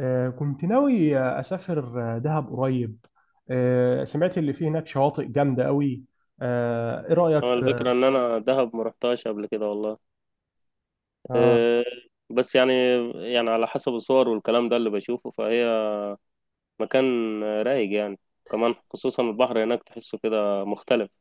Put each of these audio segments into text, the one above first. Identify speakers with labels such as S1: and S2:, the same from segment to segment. S1: كنت ناوي أسافر دهب قريب. سمعت اللي فيه هناك شواطئ جامدة قوي. إيه
S2: هو
S1: رأيك؟
S2: الفكرة إن أنا دهب ما رحتهاش قبل كده والله.
S1: آه
S2: أه، بس يعني، يعني على حسب الصور والكلام ده اللي بشوفه فهي مكان رايق يعني. كمان خصوصا البحر هناك تحسه كده مختلف.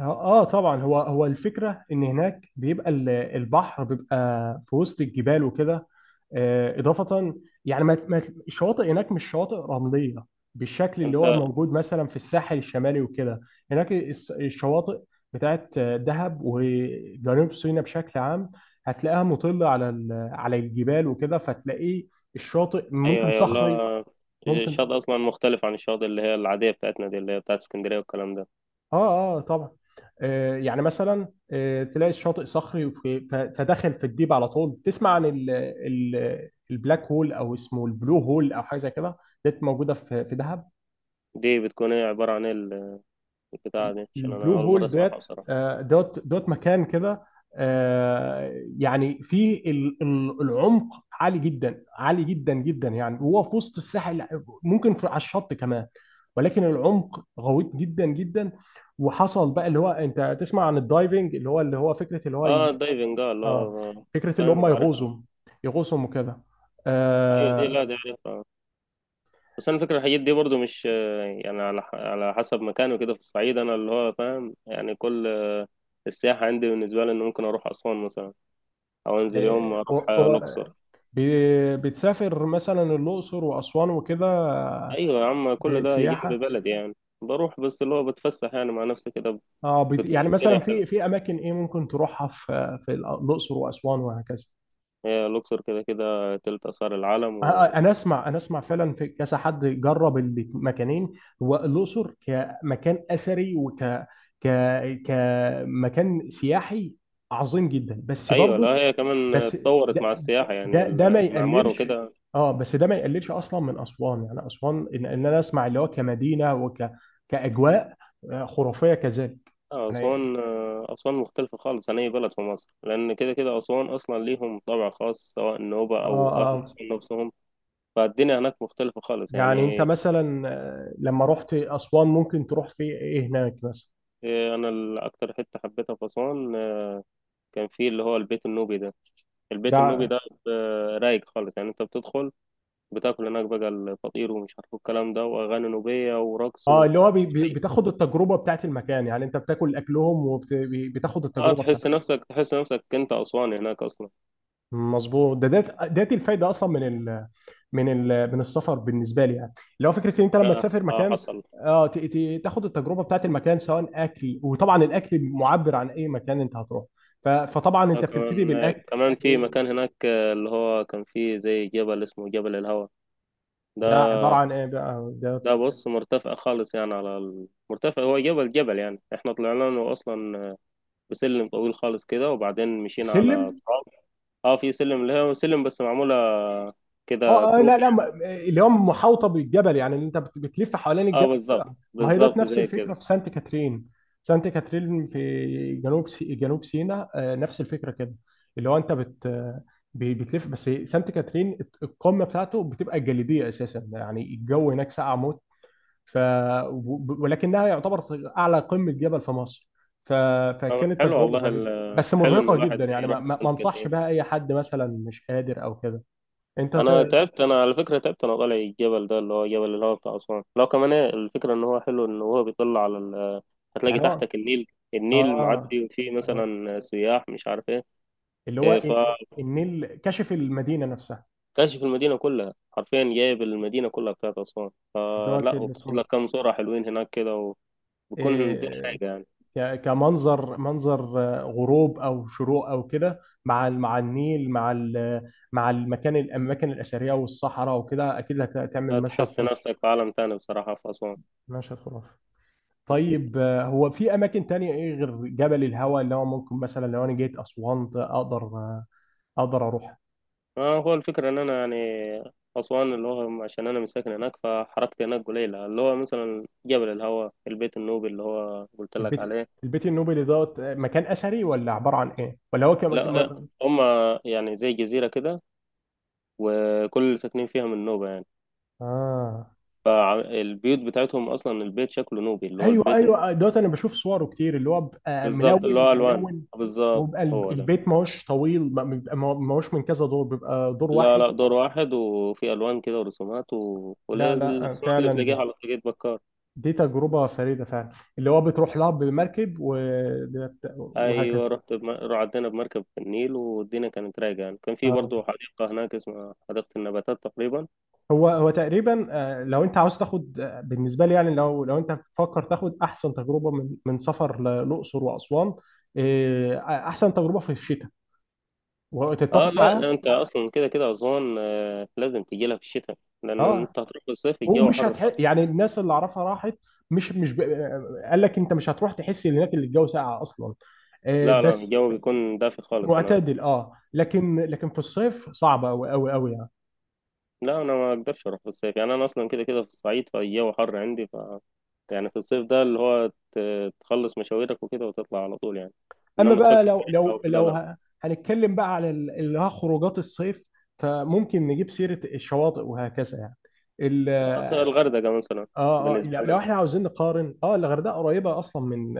S1: طبعا، هو الفكرة إن هناك بيبقى البحر بيبقى في وسط الجبال وكده. إضافة يعني. الشواطئ هناك مش شواطئ رملية بالشكل اللي
S2: أنت.
S1: هو موجود مثلا في الساحل الشمالي وكده. هناك الشواطئ بتاعت دهب وجنوب سيناء بشكل عام، هتلاقيها مطلة على على الجبال وكده، فتلاقيه الشاطئ
S2: أيوه،
S1: ممكن
S2: أيوه،
S1: صخري،
S2: لا،
S1: ممكن.
S2: الشاطئ أصلا مختلف عن الشاطئ اللي هي العادية بتاعتنا دي، اللي هي بتاعت اسكندرية والكلام ده.
S1: اه طبعا. يعني مثلا تلاقي الشاطئ صخري فداخل في الديب، على طول تسمع عن ال ال البلاك هول او اسمه البلو هول او حاجه زي كده. ديت موجوده في دهب.
S2: دي بتكون إيه؟ عبارة عن إيه البتاعة دي؟ عشان أنا
S1: البلو
S2: أول مرة
S1: هول ديت
S2: أسمعها بصراحة.
S1: دوت مكان كده. يعني فيه العمق عالي جدا، عالي جدا جدا، يعني هو في وسط الساحل، ممكن في على الشط كمان، ولكن العمق غويط جدا جدا. وحصل بقى اللي هو انت تسمع عن الدايفنج، اللي هو فكره اللي هو
S2: أه دايفنج، أه اللي
S1: اه،
S2: هو
S1: فكره اللي
S2: فاهم،
S1: هم
S2: عارفها.
S1: يغوصوا، يغوصوا وكده.
S2: أيوه دي،
S1: آه
S2: لا دي عارفها. بس انا فكرة الحاجات دي برضو مش، يعني على على حسب مكانه كده في الصعيد انا اللي هو فاهم يعني كل السياحة عندي بالنسبة لي ان ممكن اروح اسوان مثلا، او انزل يوم
S1: آه.
S2: اروح الاقصر.
S1: بتسافر مثلا الاقصر واسوان وكده.
S2: ايوه يا عم، كل ده جنب
S1: سياحه.
S2: بلدي يعني. بروح بس اللي هو بتفسح يعني مع نفسي كده. بتكون
S1: يعني مثلا
S2: الدنيا حلوة.
S1: في اماكن ايه ممكن تروحها في الاقصر واسوان وهكذا.
S2: هي الاقصر كده كده تلت اثار العالم. و...
S1: انا اسمع، فعلا في كذا حد جرب المكانين. هو الاقصر كمكان اثري وك ك كمكان سياحي عظيم جدا، بس
S2: ايوه، لا
S1: برضه،
S2: هي كمان
S1: بس
S2: اتطورت
S1: ده
S2: مع السياحة يعني
S1: ده ما
S2: المعمار
S1: يقللش.
S2: وكده.
S1: اه، بس ده ما يقللش اصلا من اسوان، يعني اسوان، ان إن انا اسمع اللي هو كمدينه كاجواء خرافيه كذلك يعني.
S2: أسوان، أسوان مختلفة خالص عن أي بلد في مصر، لأن كده كده أسوان أصلا ليهم طابع خاص، سواء النوبة
S1: اه
S2: أو أهل
S1: اه
S2: أسوان نفسهم. فالدنيا هناك مختلفة خالص
S1: يعني انت
S2: يعني.
S1: مثلا لما رحت اسوان ممكن تروح في ايه هناك مثلا؟
S2: أنا أكتر حتة حبيتها في أسوان، كان فيه اللي هو البيت النوبي ده. البيت النوبي
S1: ده
S2: ده رايق خالص يعني. أنت بتدخل، بتاكل هناك بقى الفطير ومش عارف الكلام ده، وأغاني نوبية ورقص.
S1: اه،
S2: و...
S1: اللي هو بي بي بتاخد التجربه بتاعت المكان، يعني انت بتاكل اكلهم وبتاخد
S2: اه،
S1: التجربه بتاعت.
S2: تحس نفسك، تحس نفسك انت اسواني هناك اصلا.
S1: مظبوط، ده الفايده اصلا من السفر بالنسبه لي، يعني اللي هو فكره ان انت لما
S2: ده
S1: تسافر
S2: آه
S1: مكان.
S2: حصل.
S1: اه تاخد التجربه بتاعت المكان سواء اكل، وطبعا الاكل معبر عن اي مكان انت هتروح. فطبعا انت بتبتدي
S2: كمان
S1: بالاكل.
S2: كمان في
S1: وده
S2: مكان هناك، اللي هو كان فيه زي جبل اسمه جبل الهوا. ده
S1: عباره عن ايه بقى ده؟
S2: ده بص مرتفع خالص يعني، على مرتفع، هو جبل، جبل يعني احنا طلعنا له اصلا بسلم طويل خالص كده، وبعدين مشينا على
S1: سلم،
S2: تراب. اه، في سلم اللي هو سلم، بس معمولة كده
S1: اه لا،
S2: كروك
S1: لا،
S2: يعني.
S1: اللي هو محاوطه بالجبل، يعني اللي انت بتلف حوالين
S2: اه
S1: الجبل كده،
S2: بالظبط
S1: ما هي ده
S2: بالظبط
S1: نفس
S2: زي
S1: الفكره
S2: كده.
S1: في سانت كاترين. سانت كاترين في جنوب سيناء نفس الفكره كده، اللي هو انت بتلف، بس سانت كاترين القمه بتاعته بتبقى جليديه اساسا، يعني الجو هناك ساقع موت. ف... ولكنها يعتبر اعلى قمه جبل في مصر. ف... فكانت
S2: حلو
S1: تجربه
S2: والله،
S1: فريده بس
S2: حلو ان
S1: مرهقه جدا،
S2: الواحد
S1: يعني ما,
S2: يروح
S1: ما ما
S2: سانت
S1: انصحش
S2: كاترين.
S1: بها اي حد مثلا مش قادر او كده. انت
S2: انا
S1: ت...
S2: تعبت، انا على فكره تعبت انا طالع الجبل ده اللي هو جبل الهواء بتاع اسوان، لو كمان، الفكره ان هو حلو ان هو بيطلع على ال... هتلاقي
S1: يعني هو
S2: تحتك النيل. النيل
S1: اه
S2: معدي وفيه
S1: تمام.
S2: مثلا سياح مش عارف ايه.
S1: اللي هو
S2: إيه،
S1: النيل كشف المدينة نفسها.
S2: فكاشف المدينه كلها حرفيا، جايب المدينه كلها بتاعت اسوان،
S1: دوت
S2: فلا
S1: اللي
S2: وبتاخد
S1: اسمه
S2: لك كام صوره حلوين هناك كده. وبيكون الدنيا
S1: إيه،
S2: رايقه يعني.
S1: كمنظر، منظر غروب او شروق او كده، مع مع النيل، مع مع المكان، الاماكن الاثريه والصحراء وكده، اكيد هتعمل مشهد
S2: هتحس
S1: خرافي.
S2: نفسك في عالم تاني بصراحه في اسوان.
S1: مشهد خرافي. طيب هو في اماكن تانية ايه غير جبل الهوى اللي هو ممكن مثلا لو انا جيت اسوان اقدر اقدر اروح؟
S2: هو الفكرة إن أنا يعني أسوان، اللي هو عشان أنا مساكن هناك، فحركتي هناك قليلة، اللي هو مثلا جبل الهوا، البيت النوبي اللي هو قلت لك
S1: البيت
S2: عليه.
S1: البيت النوبي اللي دوت مكان اثري، ولا عباره عن ايه ولا هو؟
S2: لا هما يعني زي جزيرة كده، وكل اللي ساكنين فيها من نوبة يعني.
S1: اه
S2: البيوت بتاعتهم أصلا البيت شكله نوبي، اللي هو
S1: ايوه،
S2: البيت
S1: ايوه، دوت انا بشوف صوره كتير اللي هو بقى
S2: بالظبط، اللي
S1: ملون
S2: هو ألوان،
S1: ملون.
S2: بالظبط
S1: وبقى
S2: هو ده.
S1: البيت ما هوش طويل، ما هوش من كذا دور، بيبقى دور
S2: لا
S1: واحد.
S2: لا، دور واحد، وفي ألوان كده ورسومات، و...
S1: لا،
S2: ولازم
S1: لا،
S2: الرسومات اللي
S1: فعلا،
S2: بتلاقيها على طريقة بكار.
S1: دي تجربة فريدة فعلا، اللي هو بتروح لها بمركب وهكذا.
S2: ايوه رعدنا بمركب في النيل، والدنيا كانت رايقه يعني. كان في
S1: آه.
S2: برضه حديقه هناك اسمها حديقه النباتات تقريبا.
S1: هو تقريبا لو انت عاوز تاخد، بالنسبة لي، يعني لو انت بتفكر تاخد احسن تجربة من سفر للأقصر وأسوان. احسن تجربة في الشتاء،
S2: اه
S1: وتتفق
S2: لا،
S1: معايا.
S2: انت اصلا كده كده اسوان لازم تجي لها في الشتاء. لان
S1: اه
S2: انت هتروح في الصيف الجو حر خالص.
S1: يعني الناس اللي اعرفها راحت. مش مش ب... قال لك انت مش هتروح تحس ان هناك اللي الجو ساقع اصلا.
S2: لا لا،
S1: بس
S2: الجو بيكون دافي خالص هناك.
S1: معتدل، اه لكن في الصيف صعبه قوي قوي قوي يعني.
S2: لا انا ما اقدرش اروح في الصيف، يعني انا اصلا كده كده في الصعيد فالجو حر عندي. ف يعني في الصيف ده اللي هو تخلص مشاويرك وكده وتطلع على طول يعني.
S1: اما
S2: انما
S1: بقى
S2: تفكر في رحله وكده لا.
S1: هنتكلم بقى على اللي هو خروجات الصيف، فممكن نجيب سيره الشواطئ وهكذا يعني. ال...
S2: الغردقه مثلا.
S1: اه اه
S2: بالنسبه
S1: لا- لو
S2: لنا.
S1: احنا عاوزين نقارن، اه الغردقه قريبه اصلا من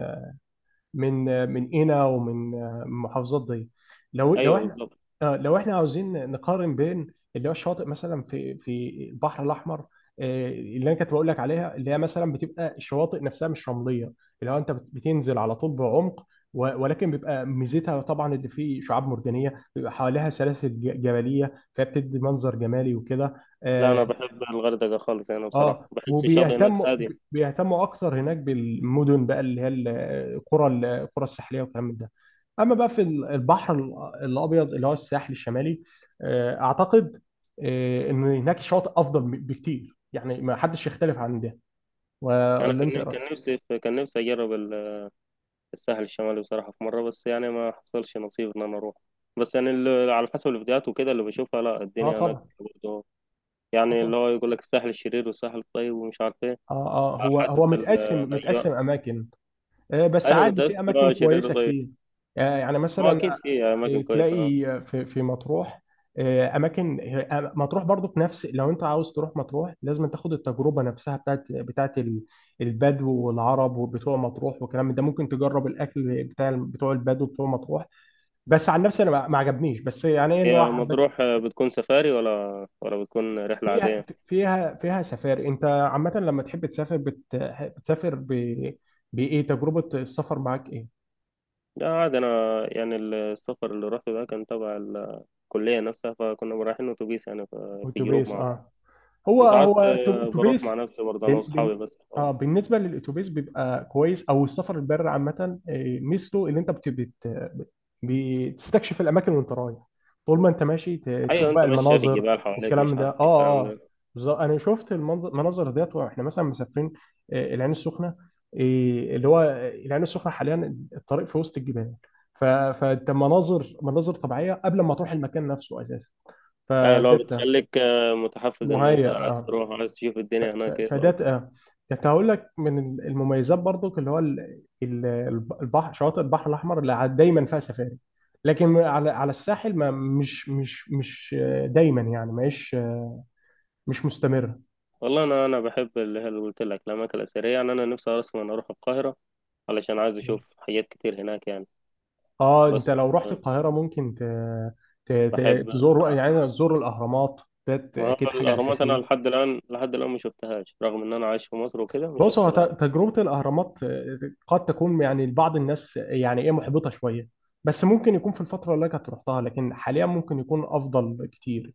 S1: من آه، من قنا، ومن آه، من محافظات دي. لو لو
S2: ايوه
S1: احنا
S2: بالظبط.
S1: لو احنا عاوزين نقارن بين اللي هو الشواطئ مثلا في البحر الاحمر، اللي انا كنت بقول لك عليها، اللي هي مثلا بتبقى الشواطئ نفسها مش رمليه، اللي هو انت بتنزل على طول بعمق، ولكن بيبقى ميزتها طبعا ان في شعاب مرجانيه بيبقى حواليها سلاسل جبليه، فبتدي منظر جمالي وكده.
S2: لا انا
S1: آه،
S2: بحب الغردقه خالص يعني، بصراحه
S1: اه
S2: بحس الشاطئ هناك
S1: وبيهتموا،
S2: هادي.
S1: اكتر هناك بالمدن بقى، اللي هي القرى، الساحليه والكلام من ده. اما بقى في البحر الابيض اللي هو الساحل الشمالي، اعتقد ان هناك شاطئ افضل بكتير، يعني ما حدش يختلف عن ده،
S2: انا
S1: ولا انت إيه
S2: كان
S1: رأيك؟
S2: كان نفسي، كان نفسي اجرب الساحل الشمالي بصراحه في مره، بس يعني ما حصلش نصيب ان انا اروح. بس يعني على حسب الفيديوهات وكده اللي بشوفها، لا
S1: اه
S2: الدنيا هناك
S1: طبعا،
S2: برضه
S1: اه
S2: يعني
S1: طبعا،
S2: اللي هو يقول لك الساحل الشرير والساحل الطيب ومش عارف ايه.
S1: اه اه هو
S2: حاسس
S1: متقسم،
S2: الايام.
S1: اماكن. بس
S2: ايوه
S1: عادي
S2: متاكد
S1: في
S2: إن
S1: اماكن
S2: هو شرير
S1: كويسه
S2: وطيب.
S1: كتير. يعني
S2: هو
S1: مثلا
S2: اكيد في اماكن
S1: تلاقي
S2: كويسه.
S1: في مطروح اماكن مطروح برضو في نفس، لو انت عاوز تروح مطروح لازم تاخد التجربه نفسها بتاعت، البدو والعرب وبتوع مطروح والكلام من ده، ممكن تجرب الاكل بتاع بتوع البدو بتوع مطروح. بس عن نفسي انا ما عجبنيش، بس يعني ايه اللي
S2: هي
S1: هو حبت
S2: مطروح بتكون سفاري، ولا بتكون رحله عاديه؟
S1: فيها سفاري. انت عامه لما تحب تسافر بتسافر ب... بايه، تجربه السفر معاك ايه؟
S2: لا عادي أنا، يعني السفر اللي روحته ده كان تبع الكلية نفسها، فكنا رايحين أتوبيس يعني، ف في جروب
S1: اتوبيس،
S2: مع
S1: اه.
S2: بعض. وساعات بروح مع
S1: اتوبيس.
S2: نفسي برضه، أنا
S1: بن بن
S2: وأصحابي بس.
S1: اه
S2: آه.
S1: بالنسبه للاتوبيس بيبقى كويس، او السفر البر عامه، ميزته اللي انت بت بت بتستكشف الاماكن وانت رايح. طول ما انت ماشي تشوف
S2: أيوة أنت
S1: بقى
S2: ماشية في
S1: المناظر
S2: الجبال حواليك
S1: والكلام
S2: مش
S1: ده.
S2: عارف إيه الكلام
S1: اه
S2: ده.
S1: بالظبط، انا شفت المناظر ديت واحنا مثلا مسافرين العين السخنه. اللي هو العين السخنه حاليا الطريق في وسط الجبال. فانت مناظر، مناظر طبيعيه قبل ما تروح المكان نفسه اساسا،
S2: أيوة اللي هو
S1: فديت
S2: بتخليك متحفز إن أنت
S1: مهيأ.
S2: عايز تروح، عايز تشوف الدنيا هناك إيه
S1: فده
S2: الأمر.
S1: كنت هقول لك من المميزات برضو، اللي هو البحر، شواطئ البحر الاحمر اللي دايما فيها سفاري. لكن على الساحل، ما مش دايما يعني، مش مستمره.
S2: والله أنا بحب اللي هي اللي قلت لك، الأماكن الأثرية، يعني أنا نفسي أصلا أروح القاهرة علشان عايز أشوف حاجات كتير هناك يعني.
S1: اه انت
S2: بس
S1: لو رحت القاهره ممكن
S2: بحب.
S1: تزور، يعني تزور الاهرامات، ده
S2: ما هو
S1: اكيد حاجه
S2: الأهرامات أنا
S1: اساسيه.
S2: لحد الآن، لحد الآن ما شفتهاش، رغم إن أنا عايش في مصر وكده ما
S1: بص
S2: شفتش
S1: هو
S2: الأهرام.
S1: تجربة الأهرامات قد تكون يعني لبعض الناس يعني إيه محبطة شوية. بس ممكن يكون في الفترة اللي كانت رحتها، لكن حاليا ممكن يكون أفضل كتير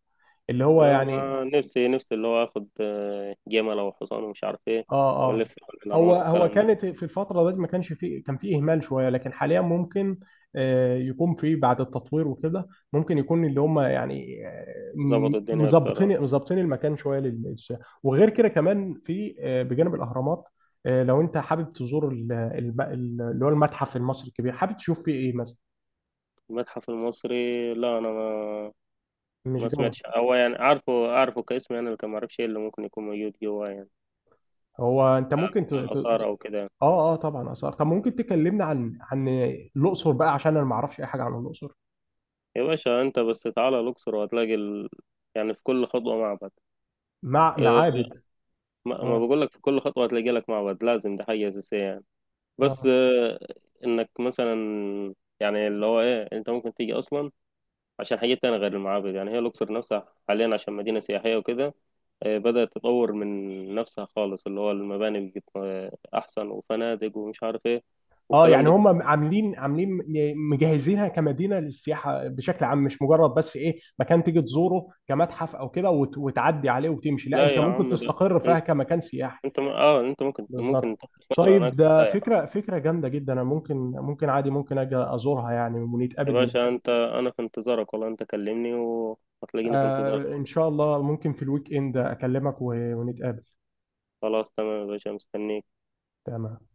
S1: اللي هو يعني.
S2: أنا نفسي نفسي اللي هو آخد جمل أو حصان ومش عارف إيه،
S1: اه
S2: وألف
S1: اه
S2: حول
S1: هو
S2: الأهرامات
S1: هو
S2: والكلام ده.
S1: كانت في الفترة دي ما كانش فيه، كان فيه إهمال شوية، لكن حاليا ممكن يكون فيه بعد التطوير وكده، ممكن يكون اللي هم يعني
S2: ظبط
S1: م-
S2: الدنيا أكتر.
S1: مظبطين، المكان شوية للسياحة. وغير كده كمان في بجانب الأهرامات لو أنت حابب تزور اللي هو المتحف المصري الكبير، حابب تشوف فيه إيه مثلا؟
S2: المتحف المصري، لا أنا ما
S1: مش
S2: ما
S1: جو.
S2: سمعتش. هو يعني عارفه، عارفه كاسم يعني، لكن ما أعرفش إيه اللي ممكن يكون موجود جواه يعني.
S1: هو أنت ممكن ت... ت...
S2: آثار أو كده.
S1: اه، اه، طبعا آثار. طب ممكن تكلمنا عن الأقصر بقى عشان أنا ما أعرفش أي حاجة عن الأقصر؟
S2: يا باشا أنت بس تعالى الأقصر وهتلاقي ال... يعني في كل خطوة معبد. آه،
S1: معابد.
S2: ما
S1: اه
S2: بقول لك في كل خطوة هتلاقي لك معبد، لازم ده حاجة أساسية يعني. بس
S1: اه
S2: انك مثلا، يعني اللي هو ايه، انت ممكن تيجي اصلا عشان حاجات تانية غير المعابد. يعني هي الاقصر نفسها حاليا عشان مدينة سياحية وكده بدأت تطور من نفسها خالص، اللي هو المباني بقت احسن، وفنادق ومش عارف ايه
S1: اه
S2: والكلام
S1: يعني
S2: ده كله.
S1: هم عاملين، مجهزينها كمدينه للسياحه بشكل عام، مش مجرد بس ايه مكان تيجي تزوره كمتحف او كده وتعدي عليه وتمشي، لا،
S2: لا
S1: انت
S2: يا
S1: ممكن
S2: عم ده،
S1: تستقر فيها
S2: انت
S1: كمكان سياحي.
S2: انت م- اه انت ممكن
S1: بالظبط.
S2: تاخد فترة هناك
S1: طيب ده
S2: سايح.
S1: فكره، جامده جدا، انا ممكن، عادي ممكن اجي ازورها يعني،
S2: يا
S1: ونتقابل هنا.
S2: باشا انت، انا في انتظارك والله، انت كلمني وهتلاقيني في
S1: آه
S2: انتظارك.
S1: ان شاء الله، ممكن في الويك اند اكلمك ونتقابل.
S2: خلاص تمام يا باشا مستنيك.
S1: تمام.